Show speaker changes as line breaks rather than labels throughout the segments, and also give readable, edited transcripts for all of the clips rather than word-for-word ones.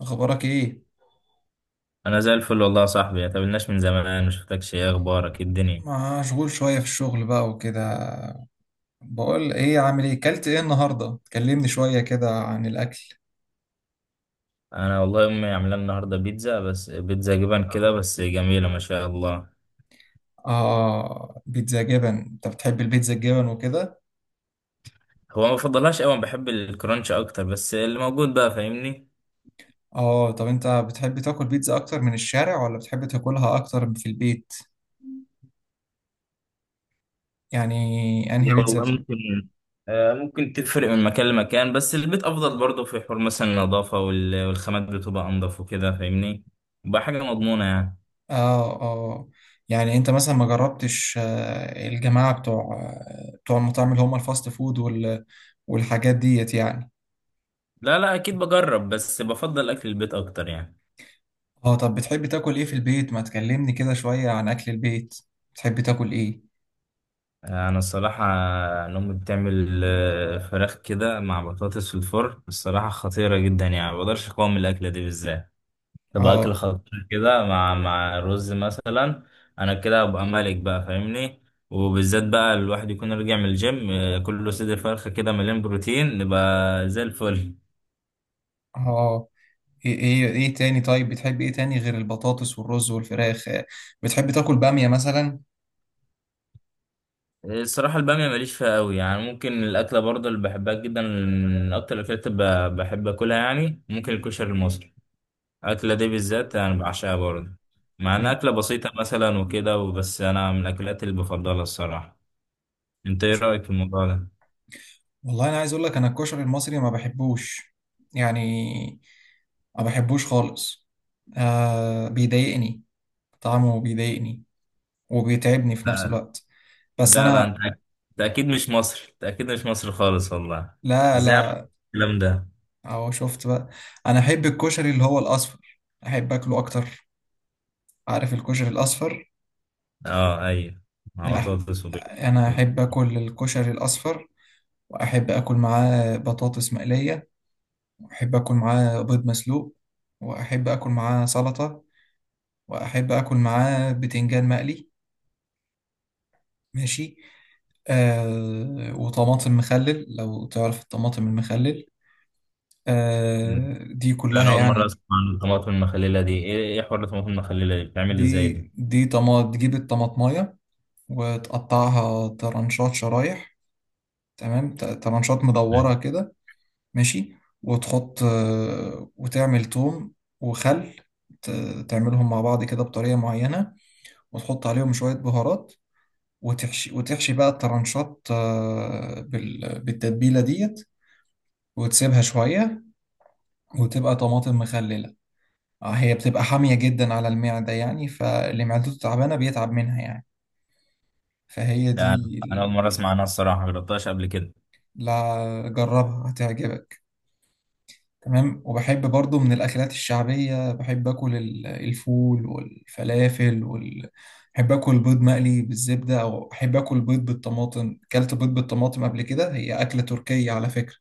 اخبارك ايه؟
انا زي الفل والله يا صاحبي، ما تقابلناش من زمان، ما شفتكش. ايه اخبارك؟ إيه الدنيا؟
مشغول شويه في الشغل بقى وكده. بقول ايه، عامل ايه، كلت ايه النهارده؟ كلمني شويه كده عن الاكل.
انا والله امي عامله لنا النهارده بيتزا، بس بيتزا جبن كده، بس جميله ما شاء الله.
اه، بيتزا جبن؟ انت بتحب البيتزا الجبن وكده؟
هو ما بفضلهاش قوي، أنا بحب الكرانش اكتر، بس اللي موجود بقى فاهمني.
اه طب انت بتحب تاكل بيتزا اكتر من الشارع ولا بتحب تاكلها اكتر في البيت؟ يعني
يا
انهي بيتزا
والله
بتحب؟
ممكن، ممكن تفرق من مكان لمكان، بس البيت افضل برضه. في حوار مثلا النظافه والخامات بتبقى انضف وكده فاهمني. بقى حاجه مضمونه يعني.
اه، اه. يعني انت مثلا ما جربتش الجماعه بتوع بتوع المطاعم اللي هم الفاست فود والحاجات ديت يعني؟
لا لا، اكيد بجرب بس بفضل اكل البيت اكتر يعني.
اه طب بتحب تاكل ايه في البيت؟ ما تكلمني كده شوية عن اكل البيت. بتحب تاكل ايه؟
انا الصراحه. إن امي بتعمل فراخ كده مع بطاطس في الفرن، الصراحه خطيره جدا يعني، ما بقدرش اقاوم الاكله دي بالذات. تبقى اكل
اه،
خطير كده مع رز مثلا. انا كده ابقى ملك بقى فاهمني. وبالذات بقى الواحد يكون راجع من الجيم، كله صدر فرخه كده مليان بروتين نبقى زي الفل.
اه. ايه تاني؟ طيب بتحب ايه تاني غير البطاطس والرز والفراخ؟ بتحب تاكل بامية مثلا؟
الصراحة البامية ماليش فيها قوي يعني. ممكن الأكلة برضه اللي بحبها جدا، من أكتر الأكلات اللي بحب أكلها يعني ممكن الكشري المصري. الأكلة دي بالذات أنا بعشقها برضه، مع إنها
م.
أكلة بسيطة مثلا وكده، وبس أنا من الأكلات اللي بفضلها الصراحة. أنت إيه رأيك في الموضوع ده؟
والله انا عايز اقول لك، انا الكشري المصري ما بحبوش، يعني ما بحبوش خالص. آه بيضايقني، طعمه بيضايقني وبيتعبني في نفس
لا
الوقت. بس
لا لا،
انا.
أنت أكيد مش مصري، أنت أكيد مش مصري خالص والله.
لا،
إزاي عملت
لا.
الكلام ده؟
اهو شفت بقى، انا احب الكشري اللي هو الاصفر، احب اكله اكتر. عارف الكشري الاصفر؟
أه أيوه، مع
لا،
بطاطس وبيض.
انا احب اكل الكشري الاصفر، واحب اكل معاه بطاطس مقليه، واحب اكل معاه بيض مسلوق، واحب اكل معاه سلطه، واحب اكل معاه بتنجان مقلي، ماشي، آه وطماطم مخلل لو تعرف الطماطم المخلل، آه دي
أنا
كلها
أول مرة
يعني.
أسمع عن الطماطم المخللة دي. إيه إيه حوار الطماطم المخللة دي؟ بتعمل إزاي
دي
دي؟
دي طماط، تجيب الطماطمايه وتقطعها ترانشات شرايح، تمام، ترانشات مدورة كده، ماشي، وتحط وتعمل توم وخل، تعملهم مع بعض كده بطريقة معينة، وتحط عليهم شوية بهارات، وتحشي وتحشي بقى الترانشات بالتتبيلة ديت، وتسيبها شوية، وتبقى طماطم مخللة. هي بتبقى حامية جدا على المعدة يعني، فاللي معدته تعبانة بيتعب منها يعني. فهي
لا، أنا
دي
أنا أول
ال-
مرة أسمع عنها الصراحة، مجربتهاش قبل كده.
لا جربها هتعجبك. تمام. وبحب برضو من الأكلات الشعبية، بحب أكل الفول والفلافل بحب أكل بيض مقلي بالزبدة، أو أحب أكل بيض بالطماطم. أكلت بيض بالطماطم قبل كده؟ هي أكلة تركية على فكرة.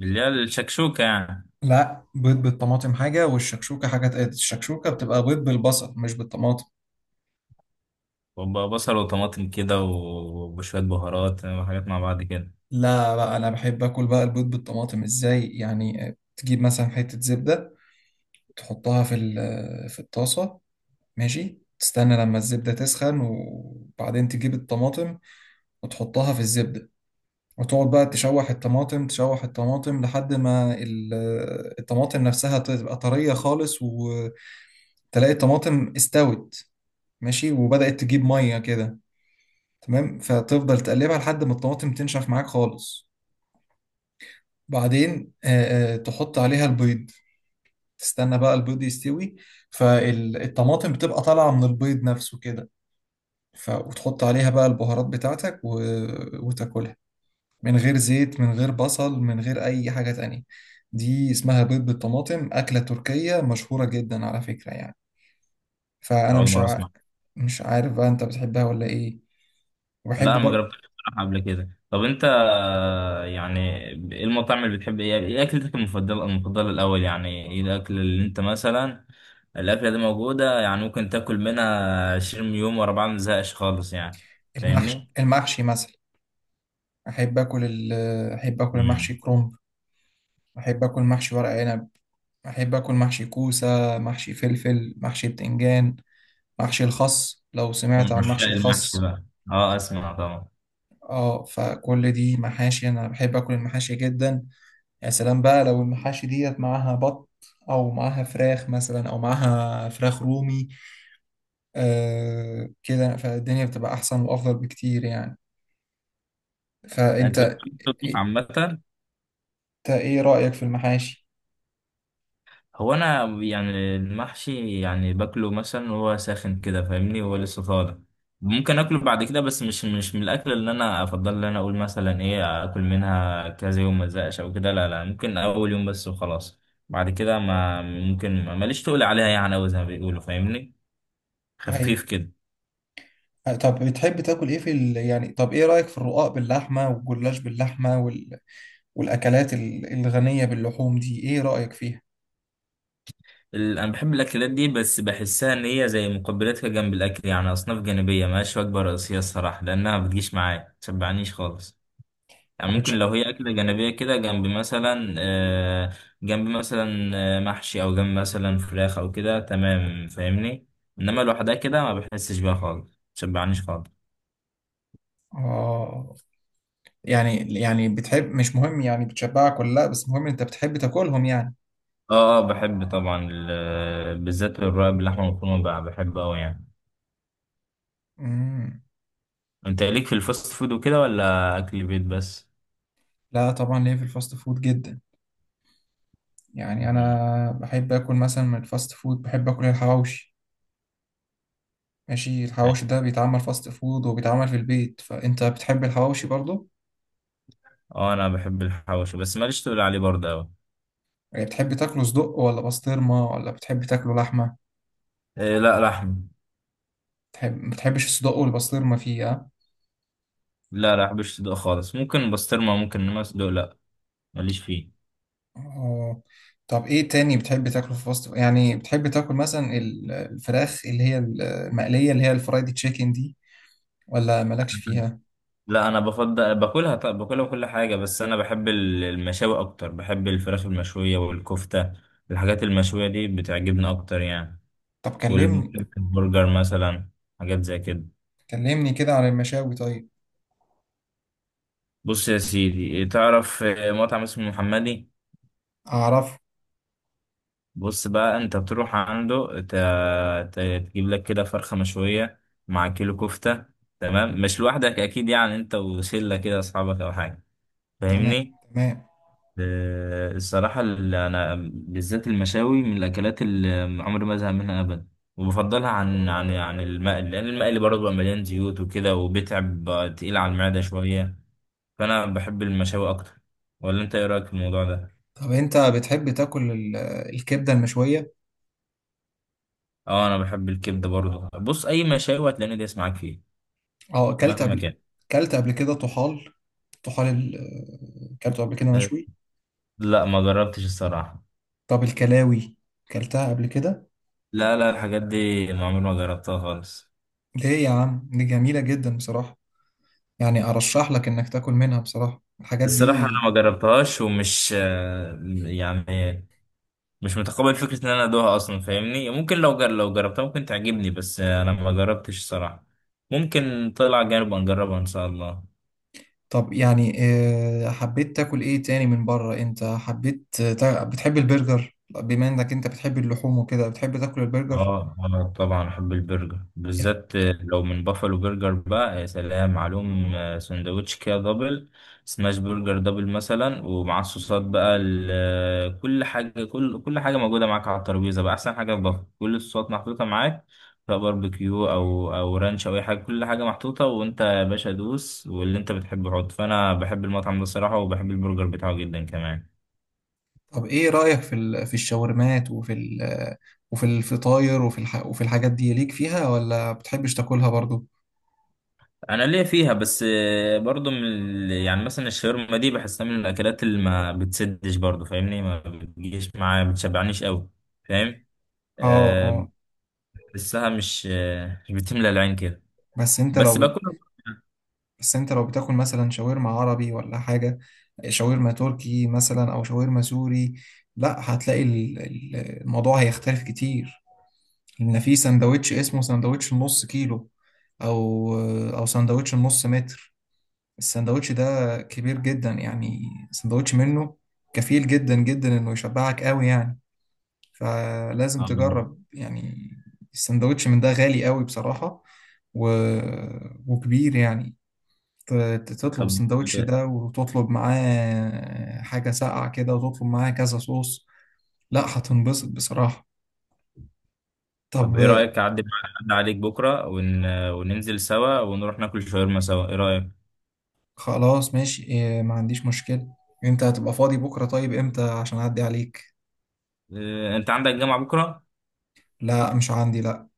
اللي هي الشكشوكة يعني؟
لا، بيض بالطماطم حاجة والشكشوكة حاجة تقل. الشكشوكة بتبقى بيض بالبصل مش بالطماطم.
وبقى بصل وطماطم كده وشوية بهارات وحاجات مع بعض كده.
لا بقى، أنا بحب أكل بقى البيض بالطماطم إزاي يعني، تجيب مثلا حتة زبدة، تحطها في الطاسة، ماشي، تستنى لما الزبدة تسخن وبعدين تجيب الطماطم وتحطها في الزبدة، وتقعد بقى تشوح الطماطم تشوح الطماطم لحد ما الطماطم نفسها تبقى طرية خالص، وتلاقي الطماطم استوت، ماشي، وبدأت تجيب مية كده، تمام، فتفضل تقلبها لحد ما الطماطم تنشف معاك خالص، بعدين تحط عليها البيض، تستنى بقى البيض يستوي، فالطماطم بتبقى طالعة من البيض نفسه كده، وتحط عليها بقى البهارات بتاعتك وتاكلها من غير زيت من غير بصل من غير أي حاجة تانية. دي اسمها بيض بالطماطم، أكلة تركية مشهورة جدا على فكرة يعني. فأنا
أول
مش
مرة
ع...
أسمع.
مش عارف بقى أنت بتحبها ولا إيه.
لا،
وبحب
أنا ما
برضه.
جربتهاش بصراحة قبل كده. طب أنت يعني إيه المطاعم اللي بتحب؟ إيه إيه أكلتك المفضلة المفضلة الأول؟ يعني إيه الأكل اللي أنت مثلا الأكلة دي موجودة يعني ممكن تاكل منها 20 يوم ورا بعض، مزهقش خالص يعني.
المحشي،
فاهمني؟
المحشي مثلا. أحب آكل ال... أحب آكل المحشي
امم.
كرنب، أحب آكل محشي ورق عنب، أحب آكل محشي كوسة، محشي فلفل، محشي بتنجان، محشي الخس، لو سمعت
من
عن
عشاق
محشي
المحشي
الخس.
بقى. أه، أسمع طبعا.
اه فكل دي محاشي، أنا بحب آكل المحاشي جدا. يا سلام بقى لو المحاشي ديت معاها بط، او معاها فراخ مثلا، او معاها فراخ رومي، آه كده فالدنيا بتبقى احسن وافضل بكتير يعني.
أنت
فانت،
بتطبخ
إيه،
عامة؟
انت ايه رايك في المحاشي؟
هو انا يعني المحشي يعني باكله مثلا وهو ساخن كده فاهمني، وهو لسه طالع. ممكن اكله بعد كده، بس مش من الاكل اللي انا افضل ان انا اقول مثلا ايه اكل منها كذا يوم ما ازهقش او كده. لا لا، ممكن اول يوم بس وخلاص. بعد كده ما ممكن، ماليش تقول عليها يعني أوي زي ما بيقولوا فاهمني.
هي
خفيف كده.
طب بتحب تاكل ايه يعني طب ايه رايك في الرقاق باللحمه والجلاش باللحمه والاكلات الغنيه باللحوم دي ايه رايك فيها؟
انا بحب الاكلات دي، بس بحسها ان هي زي مقبلات كده جنب الاكل يعني، اصناف جانبيه ملهاش وجبه رئيسيه الصراحه، لانها بتجيش معايا متشبعنيش خالص. يعني
ما
ممكن
بتش...
لو هي أكلة جانبية كده جنب مثلا جنب مثلا محشي أو جنب مثلا فراخ أو كده تمام فاهمني. إنما لوحدها كده، ما بحسش بيها خالص، مشبعنيش خالص.
اه يعني، يعني بتحب مش مهم يعني بتشبعك ولا لا، بس مهم انت بتحب تاكلهم يعني؟
اه اه، بحب طبعا. بالذات الرقاق باللحمة المفرومة بقى بحبه أوي يعني.
مم.
أنت ليك في الفاست فود وكده ولا أكل بيت بس؟
لا طبعا ليا في الفاست فود جدا. يعني
مم.
انا بحب اكل مثلا من الفاست فود، بحب اكل الحواوشي. ماشي. الحواوشي
أيوة.
ده بيتعمل فاست فود وبيتعمل في البيت، فانت بتحب الحواوشي برضو؟
اه، أنا بحب الحواوشي بس ماليش تقول عليه برضه أوي.
يعني بتحب تاكله صدق ولا بسطرمه ولا بتحب تاكله لحمه؟
إيه، لا لحم.
بتحب ما بتحبش الصدق والبسطرمه فيه ها؟
لا لا، بحبش صدق خالص. ممكن بسطرمة ممكن، إنما صدق لا. ماليش فيه.
اه طب ايه تاني بتحب تاكله في فاست فود؟ يعني بتحب تاكل مثلا الفراخ اللي هي المقليه اللي هي الفرايد تشيكن دي ولا مالكش فيها؟
لا، انا بفضل باكلها طب، باكلها كل حاجه، بس انا بحب المشاوي اكتر، بحب الفراخ المشويه والكفته. الحاجات المشويه دي بتعجبني اكتر يعني.
طب كلمني،
والبرجر مثلا، حاجات زي كده.
كلمني كده عن المشاوي طيب.
بص يا سيدي، تعرف مطعم اسمه محمدي؟
اعرف.
بص بقى، انت تروح عنده، ت- تجيب لك كده فرخه مشويه مع كيلو كفته. تمام، مش لوحدك اكيد يعني، انت وشله كده اصحابك او حاجه
تمام،
فاهمني.
تمام.
الصراحة اللي أنا بالذات المشاوي من الأكلات اللي عمري ما أزهق منها أبدا. وبفضلها عن المقلي، لأن المقلي برضه بيبقى مليان زيوت وكده، وبيتعب بقى تقيل على المعدة شوية. فأنا بحب المشاوي أكتر. ولا أنت إيه رأيك في الموضوع ده؟
طب انت بتحب تاكل الكبده المشويه؟
أه، أنا بحب الكبدة برضه. بص، أي مشاوي هتلاقيني دايس معاك فيه
اه،
مهما كان.
اكلت قبل كده طحال، طحال اكلته قبل كده
آه،
مشوي.
لا، ما جربتش الصراحة.
طب الكلاوي اكلتها قبل كده؟
لا لا، الحاجات دي ما عمري ما جربتها خالص.
ليه يا عم، دي جميله جدا بصراحه، يعني ارشح لك انك تاكل منها بصراحه الحاجات
الصراحة
دي.
أنا ما جربتهاش ومش، يعني مش متقبل فكرة ان انا ادوها اصلا فاهمني. ممكن لو لو جربتها ممكن تعجبني، بس انا ما جربتش الصراحة. ممكن طلع جانب نجربها ان شاء الله.
طب يعني حبيت تاكل ايه تاني من بره؟ انت بتحب البرجر؟ بما انك انت بتحب اللحوم وكده بتحب تاكل البرجر؟
اه اه، طبعا بحب البرجر بالذات. لو من بافلو برجر بقى يا سلام عليهم. سندوتش كده دبل، سماش برجر دبل مثلا، ومعاه الصوصات بقى كل حاجه، كل حاجه موجوده معاك على الترابيزه، بقى احسن حاجه في بافلو كل الصوصات محطوطه معاك، سواء باربيكيو او رانش او اي حاجه، كل حاجه محطوطه، وانت يا باشا دوس واللي انت بتحبه حط. فانا بحب المطعم ده الصراحه، وبحب البرجر بتاعه جدا كمان.
طب ايه رأيك في الشاورمات وفي الفطاير وفي الحاجات دي؟ ليك فيها ولا بتحبش تاكلها برضو؟
انا ليا فيها بس، برضو من يعني مثلا الشاورما دي بحسها من الاكلات اللي ما بتسدش برضو فاهمني، ما بتجيش معايا ما بتشبعنيش قوي. فاهم.
اه،
أه،
اه.
بحسها مش بتملى العين كده.
بس انت لو
بس
بت...
باكلها برضو.
بس انت لو بتاكل مثلا شاورما عربي ولا حاجة، شاورما تركي مثلا او شاورما سوري، لا هتلاقي الموضوع هيختلف كتير، لان في سندوتش اسمه سندوتش النص كيلو، او او سندوتش النص متر. السندوتش ده كبير جدا، يعني سندوتش منه كفيل جدا جدا انه يشبعك قوي يعني، فلازم
آه.
تجرب يعني. السندوتش من ده غالي قوي بصراحة، و... وكبير يعني، تطلب
طب
السندوتش ده وتطلب معاه حاجة ساقعة كده وتطلب معاه كذا صوص، لا هتنبسط بصراحة. طب.
طب ايه رايك، اعدي أعدي عليك بكره وننزل سوا ونروح ناكل شاورما سوا، ايه رايك؟
خلاص ماشي، ما عنديش مشكلة. انت هتبقى فاضي بكرة؟ طيب امتى عشان اعدي عليك؟
أه، انت عندك جامعه بكره؟
لا مش عندي، لا.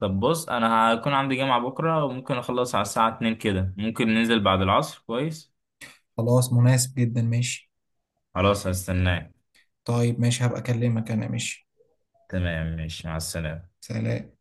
طب بص، انا هكون عندي جامعه بكره وممكن اخلص على الساعه 2 كده، ممكن ننزل بعد العصر كويس.
خلاص مناسب جدا، ماشي.
خلاص، هستناك.
طيب ماشي هبقى أكلمك، أنا ماشي.
تمام، ماشي، مع السلامة.
سلام.